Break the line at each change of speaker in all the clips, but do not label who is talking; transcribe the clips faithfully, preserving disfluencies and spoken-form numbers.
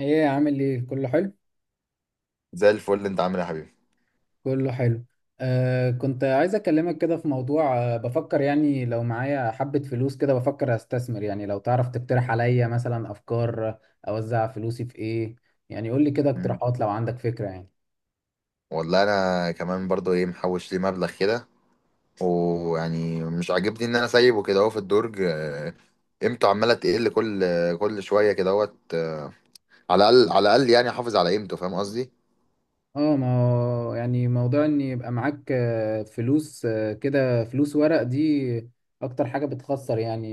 ايه عامل ايه؟ كله حلو.
زي الفل، انت عامل ايه يا حبيبي؟
كله حلو. آه كنت عايز اكلمك كده في موضوع، آه بفكر يعني لو معايا حبة فلوس كده بفكر استثمر. يعني لو تعرف تقترح عليا مثلا افكار، آه، اوزع فلوسي في ايه. يعني قول لي كده
مم.
اقتراحات لو عندك فكرة يعني.
والله انا كمان برضو ايه محوش لي مبلغ كده، ويعني مش عاجبني ان انا سايبه كده اهو في الدرج. آه، قيمته عماله تقل كل كل شويه كده اهوت. آه، على الاقل على الاقل يعني احافظ على قيمته، فاهم قصدي؟
اه، ما هو يعني موضوع ان يبقى معاك آه، فلوس، آه، كده، فلوس ورق دي اكتر حاجة بتخسر يعني.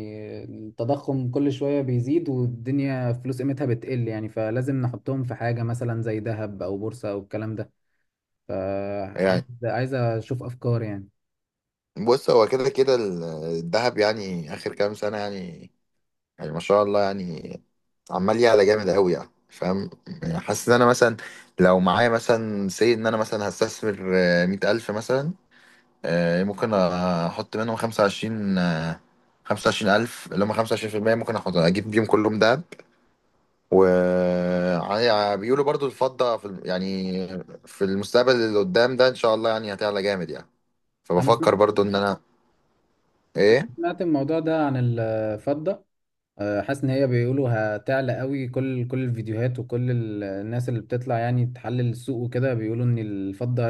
التضخم كل شوية بيزيد والدنيا فلوس قيمتها بتقل يعني، فلازم نحطهم في حاجة مثلا زي ذهب او بورصة او الكلام ده. فعايز
يعني
عايز اشوف افكار يعني.
بص، هو كده كده ال- الذهب يعني اخر كام سنه، يعني يعني ما شاء الله، يعني عمال يعلى جامد قوي، يعني فاهم. يعني حاسس ان انا مثلا لو معايا مثلا سي ان انا مثلا هستثمر آه، مية ألف مثلا. آه، ممكن احط منهم خمسة وعشرين، آه، خمسة وعشرين ألف اللي هم خمسة وعشرين بالمية. ممكن احط اجيب بيهم كلهم دهب، و يعني بيقولوا برضو الفضة في الم- يعني في المستقبل اللي قدام ده ان شاء الله يعني هتعلى جامد يعني.
انا سم-
فبفكر برضو ان انا، ايه،
سمعت الموضوع ده عن الفضة، آه، حاسس ان هي بيقولوا هتعلى قوي. كل كل الفيديوهات وكل ال- الناس اللي بتطلع يعني تحلل السوق وكده بيقولوا ان الفضة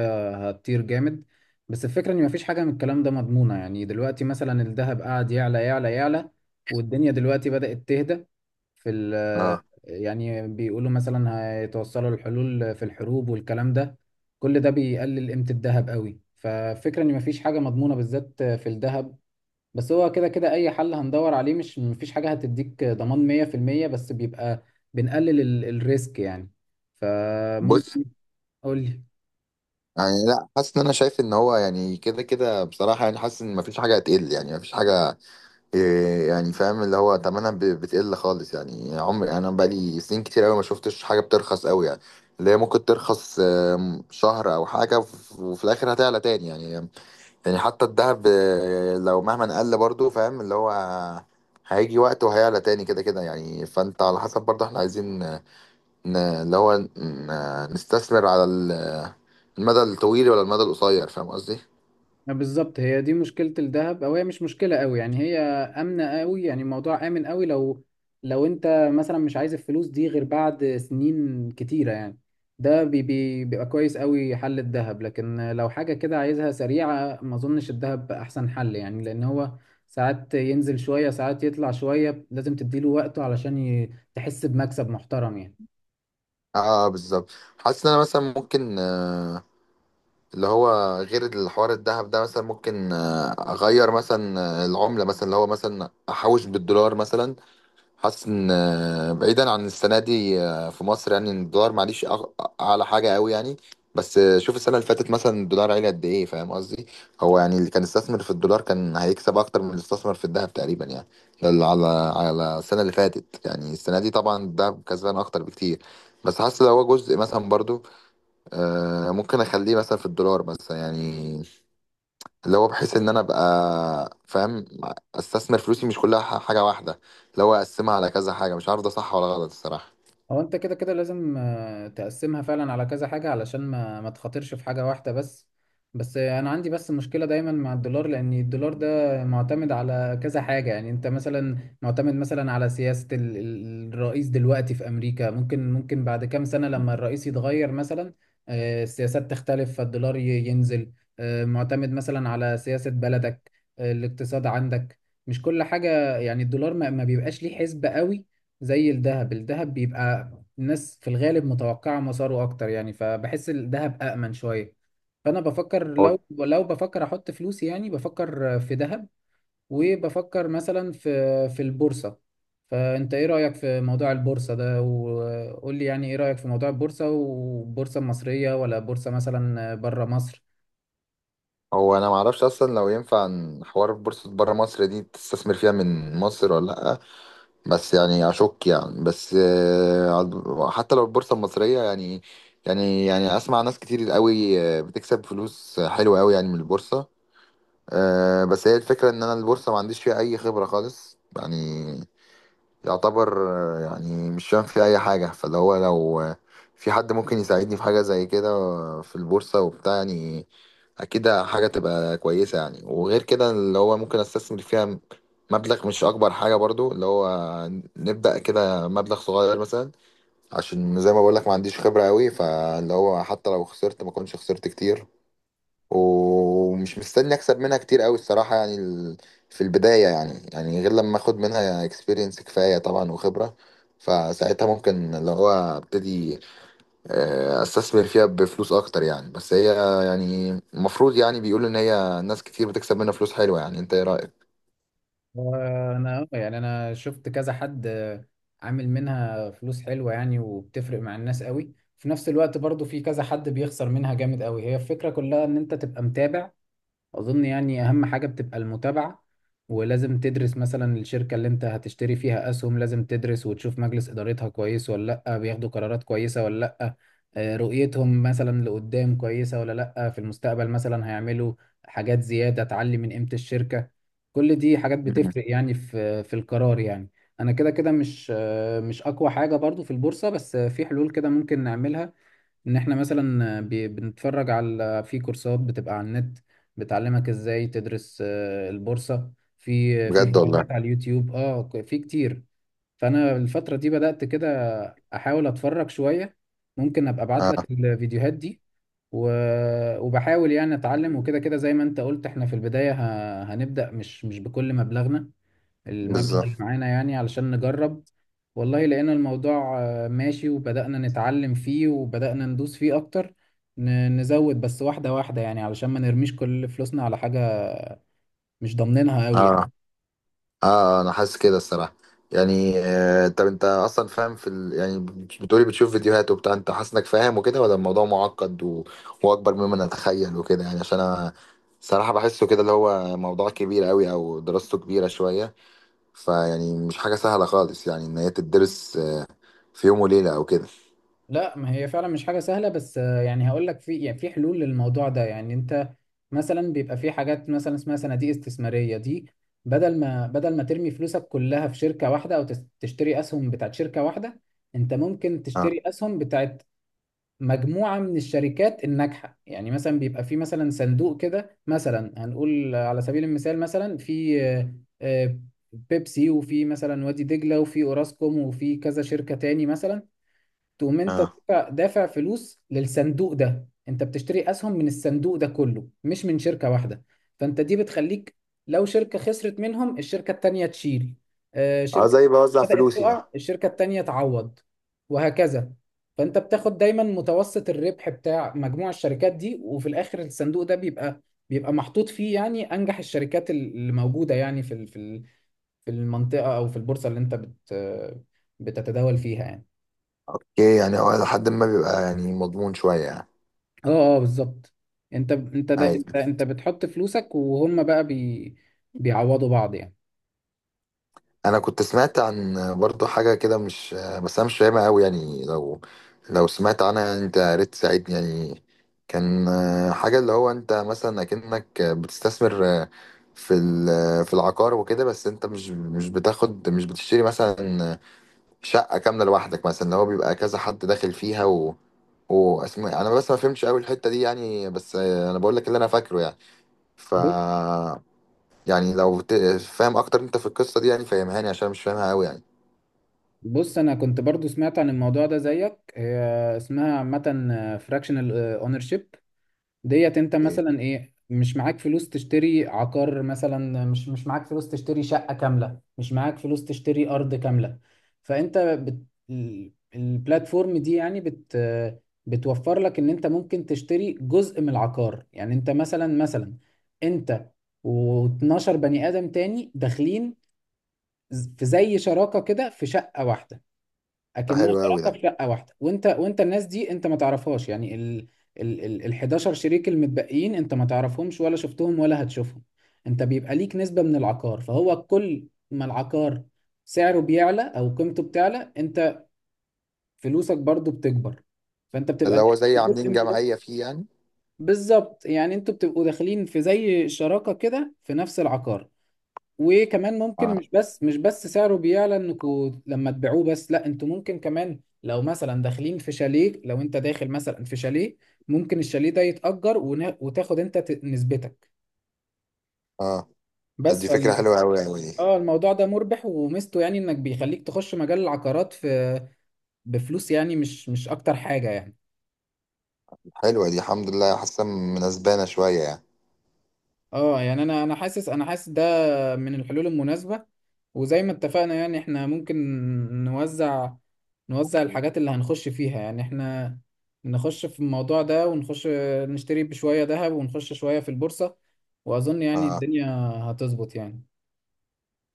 هتطير جامد. بس الفكرة ان مفيش حاجة من الكلام ده مضمونة. يعني دلوقتي مثلا الذهب قاعد يعلى يعلى يعلى والدنيا دلوقتي بدأت تهدى في ال
اه،
يعني بيقولوا مثلا هيتوصلوا للحلول في الحروب والكلام ده. كل ده بيقلل قيمة الذهب قوي، ففكرة ان مفيش حاجة مضمونة بالذات في الذهب. بس هو كده كده اي حل هندور عليه، مش مفيش حاجة هتديك ضمان مية في المية، بس بيبقى بنقلل ال- الريسك يعني.
بص.
فممكن قول لي.
يعني لا، حاسس ان انا شايف ان هو يعني كده كده بصراحة، يعني حاسس ان مفيش حاجة هتقل، يعني مفيش حاجة. إيه يعني فاهم اللي هو تمنها ب- بتقل خالص يعني. عمري، يعني انا بقالي سنين كتير قوي ما شفتش حاجه بترخص قوي يعني. اللي هي ممكن ترخص آم، شهر او حاجه وف- وفي الاخر هتعلى تاني يعني. يعني حتى الذهب، آه، لو مهما قل برضو، فاهم اللي هو هيجي وقت وهيعلى تاني كده كده يعني. فانت على حسب، برضو احنا عايزين ن- اللي هو ن- نستثمر على ال- المدى الطويل ولا المدى القصير، فاهم قصدي؟
ما بالظبط هي دي مشكلة الذهب، او هي مش مشكلة قوي يعني، هي آمنة قوي. يعني الموضوع آمن قوي لو لو انت مثلا مش عايز الفلوس دي غير بعد سنين كتيرة يعني. ده بي بي بيبقى كويس قوي حل الذهب، لكن لو حاجة كده عايزها سريعة ما اظنش الذهب احسن حل يعني، لان هو ساعات ينزل شوية ساعات يطلع شوية، لازم تديله وقته علشان ي- تحس بمكسب محترم يعني.
اه بالظبط. حاسس ان انا مثلا ممكن، آه، اللي هو غير الحوار الذهب ده مثلا، ممكن آه، اغير مثلا آه، العملة مثلا، اللي هو مثلا احوش بالدولار مثلا. حاسس ان آه، بعيدا عن السنة دي، آه، في مصر يعني، إن الدولار معليش أغ- اعلى حاجة قوي يعني. بس آه، شوف السنة اللي فاتت مثلا، الدولار عالي قد ايه، فاهم قصدي. هو يعني اللي كان استثمر في الدولار كان هيكسب اكتر من اللي استثمر في الذهب تقريبا يعني. ده اللي على على السنة اللي فاتت يعني. السنة دي طبعا الذهب كسبان اكتر بكتير. بس حاسس لو هو جزء مثلا برضو، آه، ممكن اخليه مثلا في الدولار مثلا يعني، اللي هو بحيث ان انا ابقى فاهم، استثمر فلوسي مش كلها ح- حاجه واحده. اللي هو اقسمها على كذا حاجه، مش عارف ده صح ولا غلط الصراحه.
هو انت كده كده لازم، آه، تقسمها فعلا على كذا حاجة علشان ما ما تخاطرش في حاجة واحدة بس. بس آه، انا عندي بس مشكلة دايما مع الدولار، لان الدولار ده معتمد على كذا حاجة. يعني انت مثلا معتمد مثلا على سياسة ال- ال- الرئيس دلوقتي في امريكا. ممكن ممكن بعد كام سنة لما الرئيس يتغير مثلا، آه، السياسات تختلف فالدولار ي- ينزل. آه، معتمد مثلا على سياسة بلدك، آه، الاقتصاد عندك، مش كل حاجة. يعني الدولار ما ما بيبقاش ليه حسبة قوي زي الذهب. الذهب بيبقى الناس في الغالب متوقعة مساره أكتر يعني، فبحس الذهب أأمن شوية. فأنا بفكر
هو
لو لو بفكر أحط فلوسي، يعني بفكر في ذهب، وبفكر مثلا في في البورصة. فأنت إيه رأيك في موضوع البورصة ده؟ وقول لي يعني إيه رأيك في موضوع البورصة، والبورصة المصرية ولا بورصة مثلا بره مصر؟
هو انا ما اعرفش اصلا لو ينفع إن حوار بورصه بره مصر دي تستثمر فيها من مصر ولا لا. بس يعني اشك يعني، بس آه، حتى لو البورصه المصريه يعني، يعني يعني اسمع ناس كتير قوي آه، بتكسب فلوس حلوه قوي يعني من البورصه. أه، بس هي الفكرة ان انا البورصة ما عنديش فيها اي خبرة خالص يعني. يعتبر آه، يعني مش فاهم فيها اي حاجة. فاللي هو لو آه، في حد ممكن يساعدني في حاجة زي كده آه، في البورصة وبتاع يعني، اكيد حاجة تبقى كويسة يعني. وغير كده اللي هو ممكن استثمر فيها مبلغ مش اكبر حاجة، برضو اللي هو نبدأ كده مبلغ صغير مثلا، عشان زي ما بقولك ما عنديش خبرة قوي. فاللي هو حتى لو خسرت، ما كنتش خسرت كتير. ومش مستني اكسب منها كتير قوي الصراحه، يعني ال- في البدايه يعني، يعني غير لما اخد منها اكسبيرينس كفايه طبعا وخبره. فساعتها ممكن اللي هو ابتدي آه، استثمر فيها بفلوس اكتر يعني. بس هي يعني المفروض يعني بيقولوا ان هي ناس كتير بتكسب منها فلوس حلوه يعني، انت ايه رايك؟
انا يعني انا شفت كذا حد، آه، عامل منها فلوس حلوه يعني، وبتفرق مع الناس قوي. في نفس الوقت برضو في كذا حد بيخسر منها جامد قوي. هي الفكره كلها ان انت تبقى متابع. اظن يعني اهم حاجة بتبقى المتابعة. ولازم تدرس مثلا الشركة اللي انت هتشتري فيها اسهم، لازم تدرس وتشوف مجلس ادارتها كويس ولا لا، بياخدوا قرارات كويسة ولا لا، آه، رؤيتهم مثلا لقدام كويسة ولا لا، في المستقبل مثلا هيعملوا حاجات زيادة تعلي من قيمة الشركة. كل دي حاجات
مم.
بتفرق يعني في في القرار يعني. انا كده كده مش، آه، مش اقوى حاجة برضو في البورصة، بس آه، في حلول كده ممكن نعملها. ان احنا مثلا بي- بنتفرج على في كورسات بتبقى على النت بتعلمك ازاي تدرس آه، البورصة. في في
بجد والله.
فيديوهات على اليوتيوب، اه، ك- في كتير. فانا الفترة دي بدأت كده احاول اتفرج شوية. ممكن ابقى ابعت
اه
لك الفيديوهات دي. و- وبحاول يعني اتعلم. وكده كده زي ما انت قلت احنا في البداية ه- هنبدأ مش مش بكل مبلغنا، المبلغ اللي
بالظبط.
معانا يعني، علشان نجرب. والله لقينا الموضوع، آه، ماشي، وبدأنا نتعلم فيه وبدأنا ندوس فيه أكتر. ن- نزود بس واحدة واحدة يعني علشان ما نرميش كل فلوسنا على حاجة مش ضامنينها قوي يعني.
اه، اه انا حاسس كده الصراحه، يعني آه طب انت اصلا فاهم في ال... يعني بتقولي بتشوف فيديوهات وبتاع، انت حاسس انك فاهم وكده، ولا الموضوع معقد و... واكبر مما نتخيل وكده يعني؟ عشان انا صراحه بحسه كده اللي هو موضوع كبير قوي، او دراسته كبيره شويه. فيعني مش حاجه سهله خالص يعني ان هي تدرس آه في يوم وليله او كده.
لا، ما هي فعلا مش حاجة سهلة، بس آه، يعني هقول لك، في يعني في حلول للموضوع ده. يعني أنت مثلا بيبقى في حاجات مثلا اسمها صناديق استثمارية. دي بدل ما بدل ما ترمي فلوسك كلها في شركة واحدة أو تس- تشتري أسهم بتاعت شركة واحدة، أنت ممكن
اه،
تشتري أسهم بتاعت مجموعة من الشركات الناجحة. يعني مثلا بيبقى في مثلا صندوق كده، مثلا هنقول على سبيل المثال، مثلا في آه، آه، بيبسي، وفي مثلا وادي دجلة، وفي اوراسكوم، وفي كذا شركة تاني مثلا. تقوم انت
اه،
دافع دافع فلوس للصندوق ده. انت بتشتري اسهم من الصندوق ده كله، مش من شركة واحدة. فانت دي بتخليك، لو شركة خسرت منهم الشركة التانية تشيل. آه،
اه
شركة
زي بوزع
بدأت
فلوسي يعني.
تقع، الشركة التانية تعوض، وهكذا. فانت بتاخد دايما متوسط الربح بتاع مجموع الشركات دي، وفي الاخر الصندوق ده بيبقى بيبقى محطوط فيه يعني انجح الشركات اللي موجودة يعني في ال- في ال- في المنطقة او في البورصة اللي انت بت بتتداول فيها يعني.
اوكي، يعني هو لحد ما بيبقى يعني مضمون شويه يعني.
اه، اه، بالظبط. انت انت ده
أيوة.
انت انت بتحط فلوسك، وهم بقى بي بيعوضوا بعض يعني.
انا كنت سمعت عن برضو حاجه كده مش، بس انا مش فاهمها قوي يعني. لو لو سمعت عنها يعني، انت يا ريت تساعدني يعني. كان آه، حاجه اللي هو انت مثلا اكنك بتستثمر آه، في ال- في العقار وكده، بس انت مش مش بتاخد مش بتشتري مثلا شقه كامله لوحدك مثلا. اللي هو بيبقى كذا حد داخل فيها، و واسم انا بس ما فهمتش قوي الحته دي يعني، بس آه، انا بقول لك اللي انا فاكره يعني. ف
بص،
يعني لو ت- فاهم اكتر انت في القصه دي يعني فهمهاني عشان مش فاهمها قوي يعني.
بص انا كنت برضو سمعت عن الموضوع ده زيك. هي اسمها عامه فراكشنال اونرشيب. ديت انت
ايه،
مثلا ايه، مش معاك فلوس تشتري عقار مثلا، مش مش معاك فلوس تشتري شقة كاملة، مش معاك فلوس تشتري أرض كاملة. فانت بت... ال- البلاتفورم دي يعني بت... بتوفر لك ان انت ممكن تشتري جزء من العقار. يعني انت مثلا مثلا انت و12 بني آدم تاني داخلين ز- في زي شراكة كده في شقة واحدة.
ده
اكنها
حلو قوي ده.
شراكه في شقه واحده. وانت وانت الناس دي انت ما تعرفهاش يعني. ال ال ال ال حداشر شريك المتبقيين انت ما تعرفهمش ولا شفتهم ولا هتشوفهم. انت بيبقى ليك نسبه من العقار، فهو كل ما العقار سعره بيعلى او قيمته بتعلى، انت فلوسك برضو بتكبر. فانت
ده
بتبقى
اللي هو
داخل
زي
في جزء
عاملين
من ده.
جمعية فيه يعني.
بالظبط، يعني انتوا بتبقوا داخلين في زي شراكه كده في نفس العقار. وكمان ممكن
اه،
مش بس مش بس سعره بيعلى انكوا لما تبيعوه، بس لا، انتوا ممكن كمان لو مثلا داخلين في شاليه، لو انت داخل مثلا في شاليه ممكن الشاليه ده يتأجر، ونا- وتاخد انت ت- نسبتك.
اه طب
بس
دي فكرة
فال
حلوة قوي قوي دي.
اه، الموضوع ده مربح، وميزته يعني انك بيخليك تخش مجال العقارات في بفلوس يعني، مش مش اكتر حاجة يعني.
حلوة دي الحمد لله، حاسة مناسبانا شوية يعني.
اه يعني، انا انا حاسس انا حاسس من الحلول المناسبة. وزي ما اتفقنا يعني احنا ممكن نوزع، نوزع الحاجات اللي هنخش فيها. يعني احنا نخش في الموضوع ده ونخش نشتري بشوية ذهب، ونخش شوية في البورصة، وأظن يعني
اه
الدنيا هتظبط يعني.